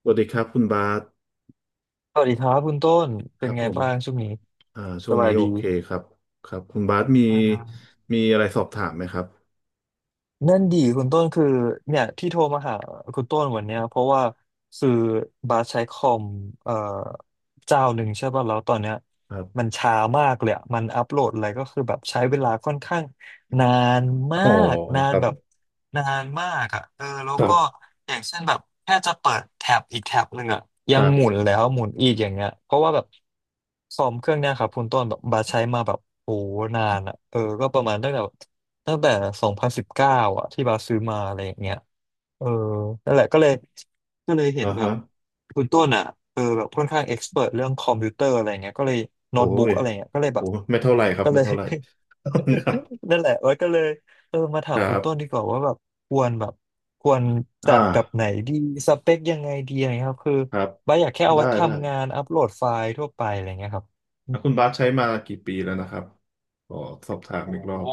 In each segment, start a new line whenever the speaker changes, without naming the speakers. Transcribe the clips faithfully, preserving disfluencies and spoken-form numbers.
สวัสดีครับคุณบาส
สวัสดีครับคุณต้น
ค
เป็น
รับ
ไง
ผม
บ้างช่วงนี้
อ่าช่
ส
วง
บา
นี้
ย
โอ
ดี
เคครับครับคุณบาสมี
อ่า
มีอะไรสอบถามไหมครับ
นั่นดีคุณต้นคือเนี่ยที่โทรมาหาคุณต้นวันเนี้ยเพราะว่าคือบาสใช้คอมเอ่อเจ้าหนึ่งใช่ป่ะแล้วตอนเนี้ย
ครับ
มันช้ามากเลยอะมันอัปโหลดอะไรก็คือแบบใช้เวลาค่อนข้างนานมา
อ๋อ
กนา
ค
น
รับ
แบบนานมากอ่ะเออแล้ว
ครั
ก็
บ
อย่างเช่นแบบแค่จะเปิดแท็บอีกแท็บหนึ่งอ่ะ
ค
ยัง
รั
หมุ
บ
นแล้วหมุนอีกอย่างเงี้ยเพราะว่าแบบคอมเครื่องเนี้ยครับคุณต้นแบบบาสใช้มาแบบโอ้นานอ่ะเออก็ประมาณตั้งแต่ ตั้งแต่สองพันสิบเก้าอะที่บาสซื้อมาอะไรอย่างเงี้ยเออนั่นแหละก็เลยก็เลยเห็น
อ่า
แบบ
ฮะ
คุณต้นอ่ะเออแบบค่อนข้างเอ็กซ์เพรเรื่องคอมพิวเตอร์อะไรเงี้ยก็เลยโน้
โอ้
ตบุ๊ก
ย
อะไรเงี้ยก็เลยแบ
โอ้
บ
ไม่เท่าไหร่ครับ
ก็เล
ไม่
ย
เท่าไหร่ ครับ
นั่นแหละแล้ก็เลยเออมาถา
ค
ม
รั
คุณต้นดี
บ
กว่าว่าแบบควรแบบควรจั
อ่า
ดแบบไหนดีสเปคยังไงดีอะไรเงี้ยครับคือ
ครับ
บ้าสอยากแค่เอา
ได้
ไว้
ได้
ทำงานอัปโหลดไฟล์ทั่วไปอะไรเงี้ยครับ
อ่ะคุณบาสใช้มากี่ปีแล้วนะครับขอสอบถาม
โอ้
อีกร
โห
อบ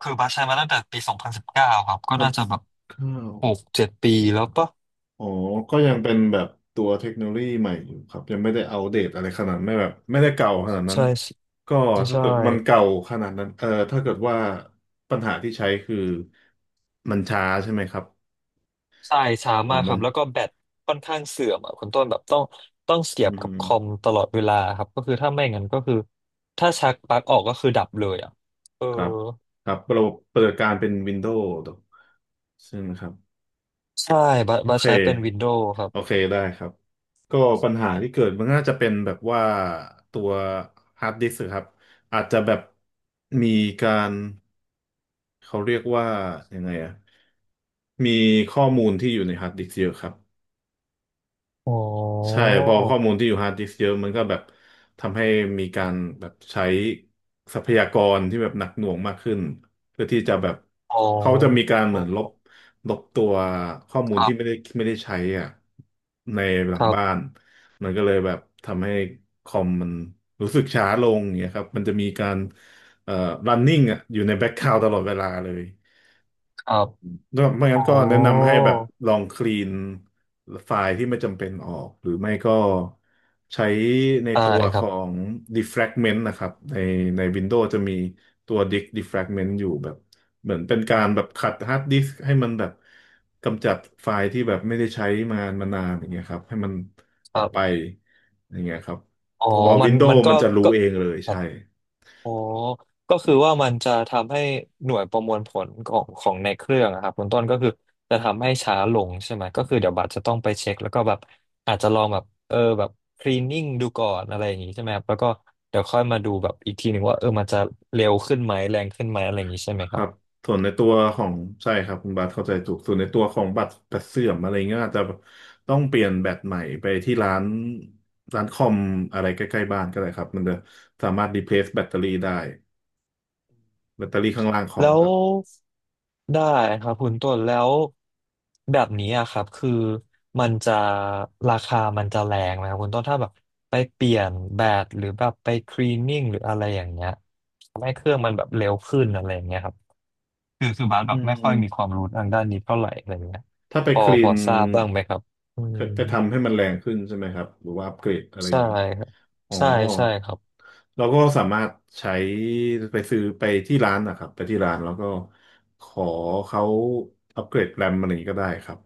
คือบัสใช้มาตั้งแต่ปีสองพันสิบเก้าครับก็
พัน
น่าจะแบบ
เก้า
หกเจ็ดปีแล้วปะ
อ๋อ ก็ยังเป็นแบบตัวเทคโนโลยีใหม่อยู่ครับยังไม่ได้อัปเดตอะไรขนาดไม่แบบไม่ได้เก่าขนาดนั้น
ใช่
ก็
ไม่
ถ้า
ใช่
เกิดมันเก่าขนาดนั้นเออถ้าเกิดว่าปัญหาที่ใช้คือมันช้าใช่ไหมครับ
ใช่ช้า
อ๋อ
มากค
มั
รั
น
บแล้วก็แบตค่อนข้างเสื่อมอ่ะคุณต้นแบบต้องต้องเสี
อื
ยบกับคอม
ม
ตลอดเวลาครับก็คือถ้าไม่งั้นก็คือถ้าชักปลั๊กออกก็คือดับเลยอ่ะเออ
ครับครับระบบปฏิบัติการเป็น Windows ใช่ไหมครับ
ใช่บัส
โอ
บัส
เค
ใช้เป็นวินโดว์ครับ
โอเคได้ครับก็ปัญหาที่เกิดมันน่าจะเป็นแบบว่าตัวฮาร์ดดิสก์ครับอาจจะแบบมีการ เขาเรียกว่ายังไงอะมีข้อมูลที่อยู่ในฮาร์ดดิสก์เยอะครับ
อ๋อ
ใช่พอข้อมูลที่อยู่ฮาร์ดดิสก์เยอะมันก็แบบทำให้มีการแบบใช้ทรัพยากรที่แบบหนักหน่วงมากขึ้นเพื่อที่จะแบบ
อ๋อ
เขาจะมีการเหมือนลบลบตัวข้อ
ค
มูล
รั
ที่ไม่
บ
ได้ไม่ได้ใช้อ่ะในหลั
ค
ง
รั
บ้าน
บ
มันก็เลยแบบทำให้คอมมันรู้สึกช้าลงอย่างเงี้ยครับมันจะมีการเอ่อ running อ่ะอยู่ในแบ็ k กราว n d ตลอดเวลาเลย
ครับ
ก็ไม่
อ๋
งั้น
อ
ก็แนะนำให้แบบลองคลีนไฟล์ที่ไม่จำเป็นออกหรือไม่ก็ใช้ใน
ใช่
ตัว
ค
ข
รั
อ
บ
ง defragment นะครับในใน Windows จะมีตัว disk defragment อยู่แบบเหมือนเป็นการแบบขัดฮาร์ดดิสก์ให้มันแบบกำจัดไฟล์ที่แบบไม่ได้ใช้มามานานอย่างเงี้ยครับให้มัน
ค
ออ
รั
กไป
บ
อย่างเงี้ยครับ
อ๋อ
ตัว
มันมั
Windows
นก็
มันจะรู้
ก็
เองเลย
ครั
ใช่
บ อ๋อก็คือว่ามันจะทำให้หน่วยประมวลผลของของในเครื่องอะครับคุณต้นก็คือจะทำให้ช้าลงใช่ไหมก็คือเดี๋ยวบัตรจะต้องไปเช็คแล้วก็แบบอาจจะลองแบบเออแบบคลีนนิ่งดูก่อนอะไรอย่างงี้ใช่ไหมครับแล้วก็เดี๋ยวค่อยมาดูแบบอีกทีหนึ่งว่าเออมันจะเร็วขึ้นไหมแรงขึ้นไหมอะไรอย่างงี้ใช่ไห
ค
มครั
รั
บ
บส่วนในตัวของใช่ครับคุณบาสเข้าใจถูกส่วนในตัวของบัตรบัตรเสื่อมอะไรเงี้ยอาจจะต้องเปลี่ยนแบตใหม่ไปที่ร้านร้านคอมอะไรใกล้ๆบ้านก็ได้ครับมันจะสามารถ replace แบตเตอรี่ได้แบตเตอรี่ข้างล่างคอม
แล้
ค
ว
รับ
ได้ครับคุณต้นแล้วแบบนี้อะครับคือมันจะราคามันจะแรงไหมครับคุณต้นถ้าแบบไปเปลี่ยนแบตหรือแบบไปคลีนนิ่งหรืออะไรอย่างเงี้ยทำให้เครื่องมันแบบเร็วขึ้นอะไรอย่างเงี้ยครับคือคือบาสแบ
อื
บไม่ค่อยมีควา
ม
มรู้ทางด้านนี้เท่าไหร่อะไรเงี้ย
ถ้าไป
พอ
คลี
พอ
น
ทราบบ้างไหมครับอื
ไป
ม
ไปทำให้มันแรงขึ้นใช่ไหมครับหรือว่าอัปเกรดอะไรอ
ใช่
ย่างนี้
ครับ
อ๋อ
ใช่ใช่ครับ
เราก็สามารถใช้ไปซื้อไปที่ร้านนะครับไปที่ร้านแล้วก็ขอเขาอัปเกรดแรมอะไรอย่างนี้ก็ได้ครับ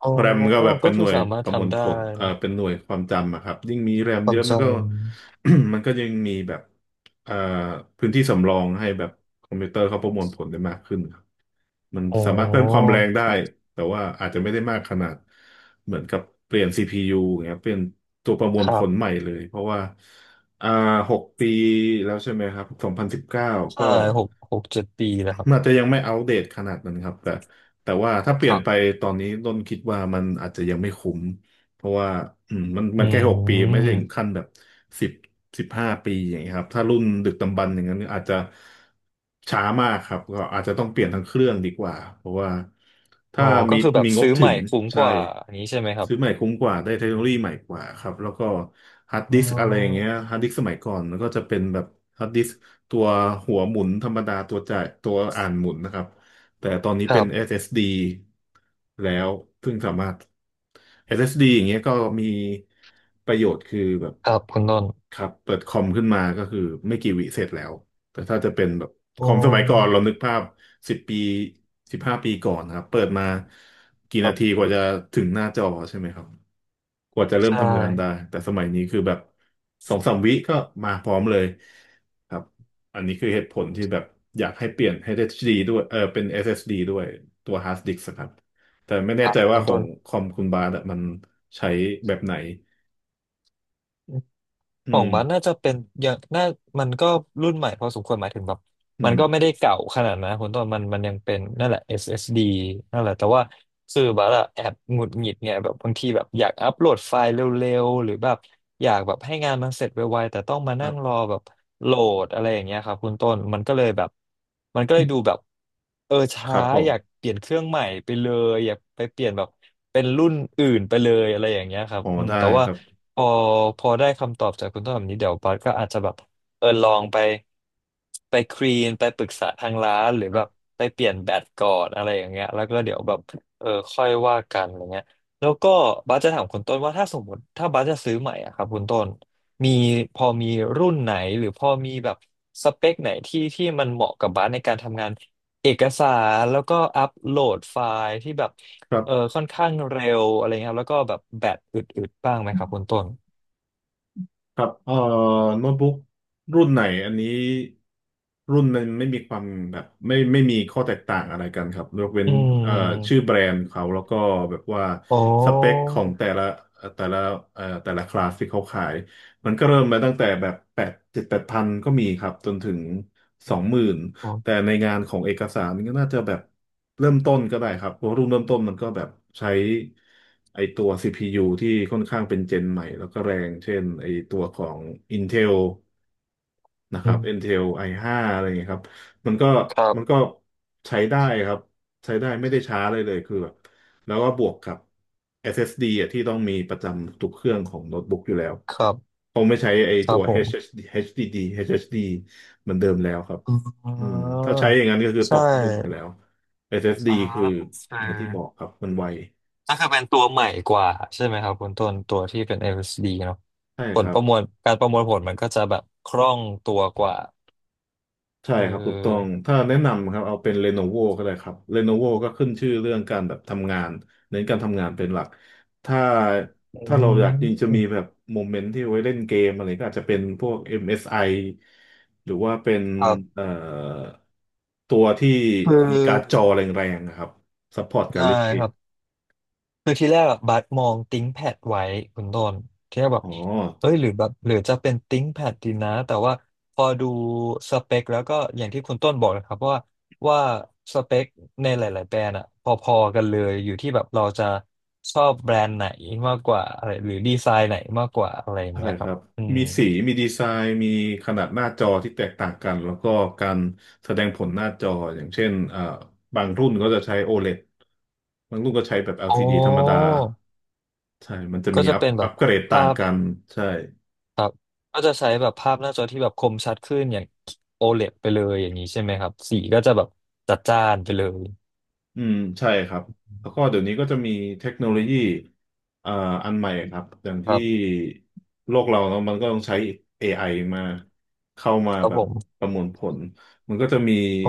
อ๋อ
แรมก็แบบเป็
ก็
นห
คือ
น่วย
สามาร
ป
ถ
ระมวล
ทำได้
ผลเอ่
เน
อ
อะ
เป็นหน่วยความจำอะครับ ยิ่งมีแรม
ค
เย
วาม
อะ
จ
มันก็ มันก็ยิ่งมีแบบเอ่อพื้นที่สำรองให้แบบคอมพิวเตอร์เขาประมวลผลได้มากขึ้นครับ มัน
ำอ๋อ
สามารถเพิ่มความแรงได้ แต่ว่าอาจจะไม่ได้มากขนาด เหมือนกับเปลี่ยน ซี พี ยู อย่างเงี้ยเปลี่ยนตัวประมว
ค
ล
รั
ผลใหม่
บ
เลย เพราะว่าอ่าหกปีแล้วใช่ไหมครับสองพันสิบเก้า
ใช่
ก็
หกหกเจ็ดปีแล้วครั บ
มันอาจจะยังไม่อัปเดตขนาดนั้นครับแต่แต่ว่าถ้าเป
ค
ลี่ยน
รั
ไป
บ
ตอนนี้ต้นคิดว่ามันอาจจะยังไม่คุ้ม เพราะว่าอืมมันมั
อื
นแค่หกปีไม่ถึง
ม
ขั้นแบบสิบสิบห้าปีอย่างเงี้ยครับถ้ารุ่นดึกดำบรรพ์อย่างนั้นอาจจะช้ามากครับก็อาจจะต้องเปลี่ยนทั้งเครื่องดีกว่าเพราะว่า
อ๋
ถ้า
อก็
มี
คือแบบ
มีงบ
ซื้อให
ถึ
ม่
ง
คุ้มก
ใช่
ว่าอันนี้ใช่ไหมครับ
ซื้อใหม่คุ้มกว่าได้เทคโนโลยีใหม่กว่าครับแล้วก็ฮาร์ด
อ๋
ดิ
อ
สก์อะไรอย่างเงี้ยฮาร์ดดิสก์สมัยก่อนมันก็จะเป็นแบบฮาร์ดดิสก์ตัวหัวหมุนธรรมดาตัวจ่ายตัวอ่านหมุนนะครับ แต่ตอนนี้
ค
เป็
รั
น
บ
เอส เอส ดี แล้วซึ่งสามารถ เอส เอส ดี อสเอสดีอย่างเงี้ยก็มีประโยชน์คือแบบ
ครับคุณต้น
ครับเปิดคอมขึ้นมาก็คือไม่กี่วิเสร็จแล้ว แต่ถ้าจะเป็นแบบค
โอ้
อมสมัยก่อนเรานึกภาพสิบปีสิบห้าปีก่อนนะครับเปิดมากี่
ครั
นาที
บ
กว่าจะถึงหน้าจอใช่ไหมครับกว่าจะเริ่ม
ใช่
ทำงานได้แต่สมัยนี้คือแบบสองสามวิก็มาพร้อมเลยครับอันนี้คือเหตุผลที่แบบอยากให้เปลี่ยน เอช ดี ดี ดด้วยเออเป็น เอส เอส ดี ดด้วยตัว hard disk ครับแต่ไม่
ค
แน่
รับ
ใจว่า
คุณ
ขอ
ต้
ง
น
คอมคุณบาสอะมันใช้แบบไหน
อื
อื
ของ
ม
บัสน่าจะเป็นอย่างน่ามันก็รุ่นใหม่พอสมควรหมายถึงแบบ
อื
มันก็ไม่
ม
ได้เก่าขนาดนั้นคุณต้นมันมันยังเป็นนั่นแหละ เอส เอส ดี นั่นแหละแต่ว่าคือบัสอะแอบหงุดหงิดเนี่ยแบบบางทีแบบอยากอัปโหลดไฟล์เร็วๆหรือแบบอยากแบบให้งานมันเสร็จไวๆแต่ต้องมา
ค
นั่
รั
งรอ
บ
แบบโหลดอะไรอย่างเงี้ยครับคุณต้นมันก็เลยแบบมันก็เลยดูแบบเออ
ค
ช้า
รับผม
อยากเปลี่ยนเครื่องใหม่ไปเลยอยากไปเปลี่ยนแบบเป็นรุ่นอื่นไปเลยอะไรอย่างเงี้ยครับ
อ๋อ
อืม
ได้
แต่
ค
ว่า
รับ
พอพอได้คำตอบจากคุณต้นแบบนี้เดี๋ยวบัสก็อาจจะแบบเออลองไปไปคลีนไปปรึกษาทางร้านหรือแบบ
ค
ไปเปลี่ยนแบตก่อนอะไรอย่างเงี้ยแล้วก็เดี๋ยวแบบเออค่อยว่ากันอะไรเงี้ยแล้วก็บัสจะถามคุณต้นว่าถ้าสมมติถ้าบัสจะซื้อใหม่อะครับคุณต้นมีพอมีรุ่นไหนหรือพอมีแบบสเปคไหนที่ที่มันเหมาะกับบัสในการทำงานเอกสารแล้วก็อัปโหลดไฟล์ที่แบบ
รับ
เออค่อนข้างเร็วอะไรเงี้ยครับแล้วก็แบบแบตอึดๆบ้างไหมครับคุณต้น
ครับเอ่อโน้ตบุ๊กรุ่นไหนอันนี้รุ่นมันไม่มีความแบบไม่ไม่มีข้อแตกต่างอะไรกันครับยกเว้น
อื
เอ่อชื่อ
ม
แบรนด์เขาแล้วก็แบบว่า
อ๋อ
สเปคของแต่ละเอ่อแต่ละเอ่อแต่ละคลาสที่เขาขายมันก็เริ่มมาตั้งแต่แบบแปดเจ็ดแปดพันก็มีครับจนถึงสองหมื่น แต่
ออ
ในงานของเอกสารมันก็น่าจะแบบเริ่มต้นก็ได้ครับเพราะรุ่นเริ่มต้นมันก็แบบใช้ไอตัว ซี พี ยู ที่ค่อนข้างเป็นเจนใหม่แล้วก็แรงเช่นไอตัวของ Intel นะค
อื
รับ
ม
Intel ไอ ห้า อห้าอะไรอย่างเงี้ยครับมันก็
ครั
มันก็
บ
ใช้ได้ครับใช้ได้ไม่ได้ช้าเลยเลยคือแบบแล้วก็บวกกับ เอส เอส ดี อสเอสดีอ่ะที่ต้องมีประจำทุกเครื่องของโน้ตบุ๊กอยู่แล้ว
ครับ
เขาไม่ใช้ไอ
ครั
ตั
บ
ว
ผม
เอช เอช ดี เอช ดี ดี เอช เอช ดี เอชดีเอชดีดีเอชเอชดีเหมือนเดิมแล้วครับ
อ่
อืมถ้า
า
ใช้อย่างนั้นก็คือ
ใช
ตกรุ่นไป
่
แล้ว เอส เอส ดี
อ่า
คือ
โอเค
อย่างที่บอกครับมันไว
ก็คือเป็นตัวใหม่กว่าใช่ไหมครับคุณต้นตัวที่เป็น แอล เอส ดี เนาะ
ใช่
ผ
ค
ล
รั
ป
บ
ระมวลการประมวลผลมันก็จะแบบคล่องตัวกว่า
ใช่
เอ
ครับถูกต้อง
อ
ถ้าแนะนำครับเอาเป็น Lenovo ก็ได้ครับ Lenovo ก็ขึ้นชื่อเรื่องการแบบทำงานเน้นการทำงานเป็นหลักถ้า
อื
ถ้าเราอยากจริงจะมีแบ
ม
บโมเมนต์ที่ไว้เล่นเกมอะไรก็อาจจะเป็นพวก เอ็ม เอส ไอ หรือว่าเป็น
ครับ
เอ่อตัวที่
คือ
มีการ์ดจอแรงๆนะครับซัพพอร์ตกา
ได้
รเล่นเก
ค
ม
รับ คือที่แรกอะบัสมองติ้งแพดไว้คุณต้นที่แรกแบบ
อ๋อ
เอ้ยหรือแบบหรือจะเป็นติ้งแพดดีนะแต่ว่าพอดูสเปคแล้วก็อย่างที่คุณต้นบอกนะครับว่าว่าสเปคในหลายๆแบรนด์อะพอๆกันเลยอยู่ที่แบบเราจะชอบแบรนด์ไหนมากกว่าอะไรหรือดีไซน์ไหนมากกว่าอะไรอย่าง
ใช่
เงี้ยค
ค
รับ
รับ
อืม
มีสีมีดีไซน์มีขนาดหน้าจอที่แตกต่างกันแล้วก็การแสดงผลหน้าจออย่างเช่นเอ่อบางรุ่นก็จะใช้โอ l e d บางรุ่นก็ใช้แบบ l
อ๋
ด
อ
d ธรรมดาใช่มันจะ
ก็
มี
จะ
อัพ
เป็นแบ
อัป
บ
เกรดต่า
ภา
ง
พ
กันใช่
ครับก็จะใช้แบบภาพหน้าจอที่แบบคมชัดขึ้นอย่าง โอ แอล อี ดี ไปเลยอย่างนี้ใช่ไหมครับสีก็จะแบบจัดจ้านไปเลย
อืมใช่ครับแล้วก็เดี๋ยวนี้ก็จะมีเทคโนโลยีเอ่ออันใหม่ครับอย่าง
ค
ที่
รับ
โลกเราเนอะมันก็ต้องใช้ เอ ไอ มาเข้ามา
ครับ
แบ
ผ
บ
ม
ประมวลผลมันก็จะมี
โอ้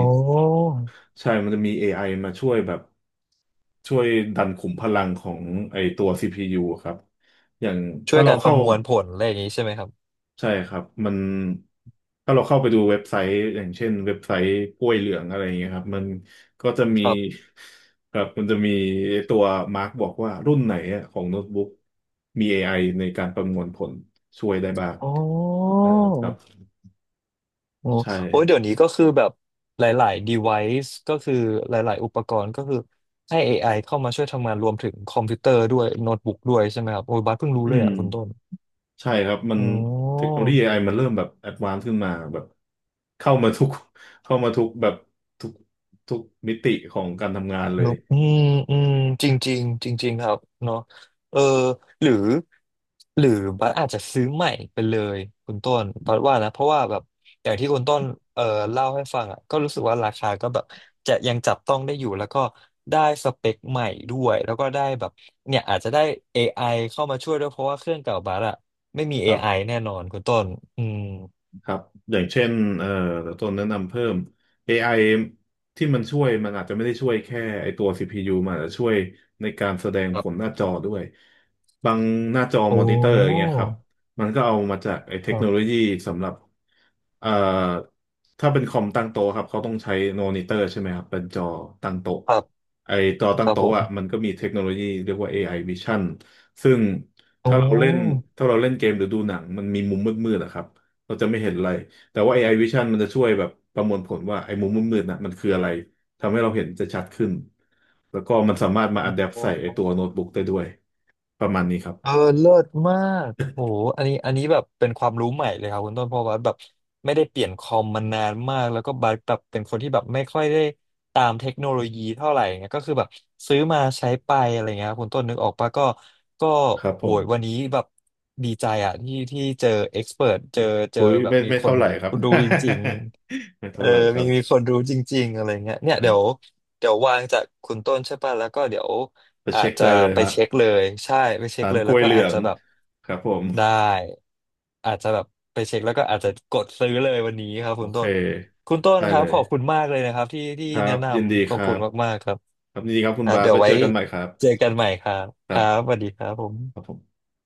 ใช่มันจะมี เอ ไอ มาช่วยแบบช่วยดันขุมพลังของไอตัว ซี พี ยู อะครับ อย่าง
ช่ว
ถ้า
ย
เรา
การประ
เข้า
มวลผลอะไรอย่างนี้ใช่ไหมครับ
ใช่ครับมันถ้าเราเข้าไปดูเว็บไซต์อย่างเช่นเว็บไซต์กล้วยเหลืองอะไรอย่างเงี้ยครับมันก็จะมี
ครับ
ครับมันจะมีตัวมาร์กบอกว่ารุ่นไหนอะของโน้ตบุ๊กมี เอ ไอ ในการประมวลผลช่วยได้บ้าง
โอ
เออครับ
โอ้
ใช่
โอ้ยเดี๋ยวนี้ก็คือแบบหลายๆ device ก็คือหลายๆอุปกรณ์ก็คือให้ เอ ไอ เข้ามาช่วยทำงานรวมถึงคอมพิวเตอร์ด้วยโน้ตบุ๊กด้วยใช่ไหมครับโอ้ยบาสเพิ่งรู้
อื
เลย
ม
อ่ะคุณต้น
ใช่ครับมัน
อ๋อ
เทคโนโลยี เอ ไอ มันเริ่มแบบแอดวานซ์ขึ้นมาแบบเข้ามาทุกเข้ามาทุกแบบทุกทุกมิติของการทำงานเล
นุ
ย
กอืมอืมจริงจริงจริงจริงๆครับเนาะเออหรือหรือบัสอาจจะซื้อใหม่ไปเลย คุณต้นบัสว่านะเพราะว่าแบบอย่างที่คุณต้นเออเล่าให้ฟังอ่ะก็รู้สึกว่าราคาก็แบบจะยังจับต้องได้อยู่แล้วก็ได้สเปคใหม่ด้วย แล้วก็ได้แบบเนี่ยอาจจะได้ เอ ไอ เข้ามาช่วยด้วย เพราะว่าเครื่องเก่าบัสอ่ะไม่มี
ครั
เอ ไอ
บ
แน่นอนคุณต้นอืม
ครับอย่างเช่นเอ่อตัวแนะนำเพิ่ม เอ ไอ ที่มันช่วยมันอาจจะไม่ได้ช่วยแค่ไอตัว ซี พี ยู มันอาจจะช่วยในการแสดง
ค
ผ
รั
ลห
บ
น้าจอด้วยบางหน้าจอ
โอ้
มอนิเตอร์อย่างเงี้ยครับมันก็เอามาจากไอเท
ค
ค
รั
โนโล
บ
ยีสำหรับเอ่อถ้าเป็นคอมตั้งโต๊ะครับเขาต้องใช้มอนิเตอร์ใช่ไหมครับเป็นจอตั้งโต๊ะ
ครับ
ไอจอตั้
ค
ง
รับผ
โต๊ะอ่ะ
ม
มันก็มีเทคโนโลยีเรียกว่า เอ ไอ Vision ซึ่ง
โ
ถ้าเราเล่นถ้าเราเล่นเกมหรือดูหนังมันมีมุมมืดๆอะครับ เราจะไม่เห็นอะไรแต่ว่า เอ ไอ Vision มันจะช่วยแบบประมวลผลว่าไอ้มุมมืดมืดน่ะมันคืออะไรทำให้เราเห็นจะชัดขึ้นแล้วก็มันสามารถมาอัดแอป
อ
ใส่ไอ้ตัว
้
โน้ตบุ๊กได้ด้วยประมาณนี้ครับ
เออเลิศมากโหอันนี้อันนี้แบบเป็นความรู้ใหม่เลยครับคุณต้นเพราะว่าแบบไม่ได้เปลี่ยนคอมมานานมากแล้วก็บัสแบบเป็นคนที่แบบไม่ค่อยได้ตามเทคโนโลยีเท่าไหร่เงี้ยก็คือแบบซื้อมาใช้ไปอะไรเงี้ยครับคุณต้นนึกออกปะก็ก็
ครับผ
โห
ม
ยวันนี้แบบดีใจอะที่ที่เจอเอ็กซ์เพรเจอเจ
โอ้
อ
ย
แบบ
ไม่
มี
ไม่
ค
เท่า
น
ไหร่ครับ
ดูจริง
ไม่
ๆเอ
เท่า
อ
ไหร่ครั
มีมี
บ
คนรู้จริงๆอะไรเงี้ยเนี่ยเดี๋ยวเดี๋ยววางจากคุณต้นใช่ป่ะแล้วก็เดี๋ยว
ไป
อา
เช็
จ
ค
จะ
ได้เลย
ไป
ฮะ
เช็คเลยใช่ไปเช็ค
ร้าน
เลย
ก
แล้
ล้
ว
วย
ก็
เหลื
อา
อ
จ
ง
จะแบบ
ครับผม
ได้อาจจะแบบไปเช็คแล้วก็อาจจะกดซื้อเลยวันนี้ครับ
โอ
คุณ
เค
ต้นคุณต้น
ได้
ครั
เล
บ
ย
ขอบคุณมากเลยนะครับที่ที่
ครั
แนะ
บ
น
ยินดี
ำข
ค
อบ
รั
คุณ
บ
มากๆครับ
ครับยินดีครับคุ
ค
ณ
รับ
บาส
เดี๋ยว
ไว้
ไว้
เจอกันใหม่ครับ
เจอกันใหม่ครับ
ค
ค
รั
รับส
บ
วัสดีครับผ
ครับผ
ม
ม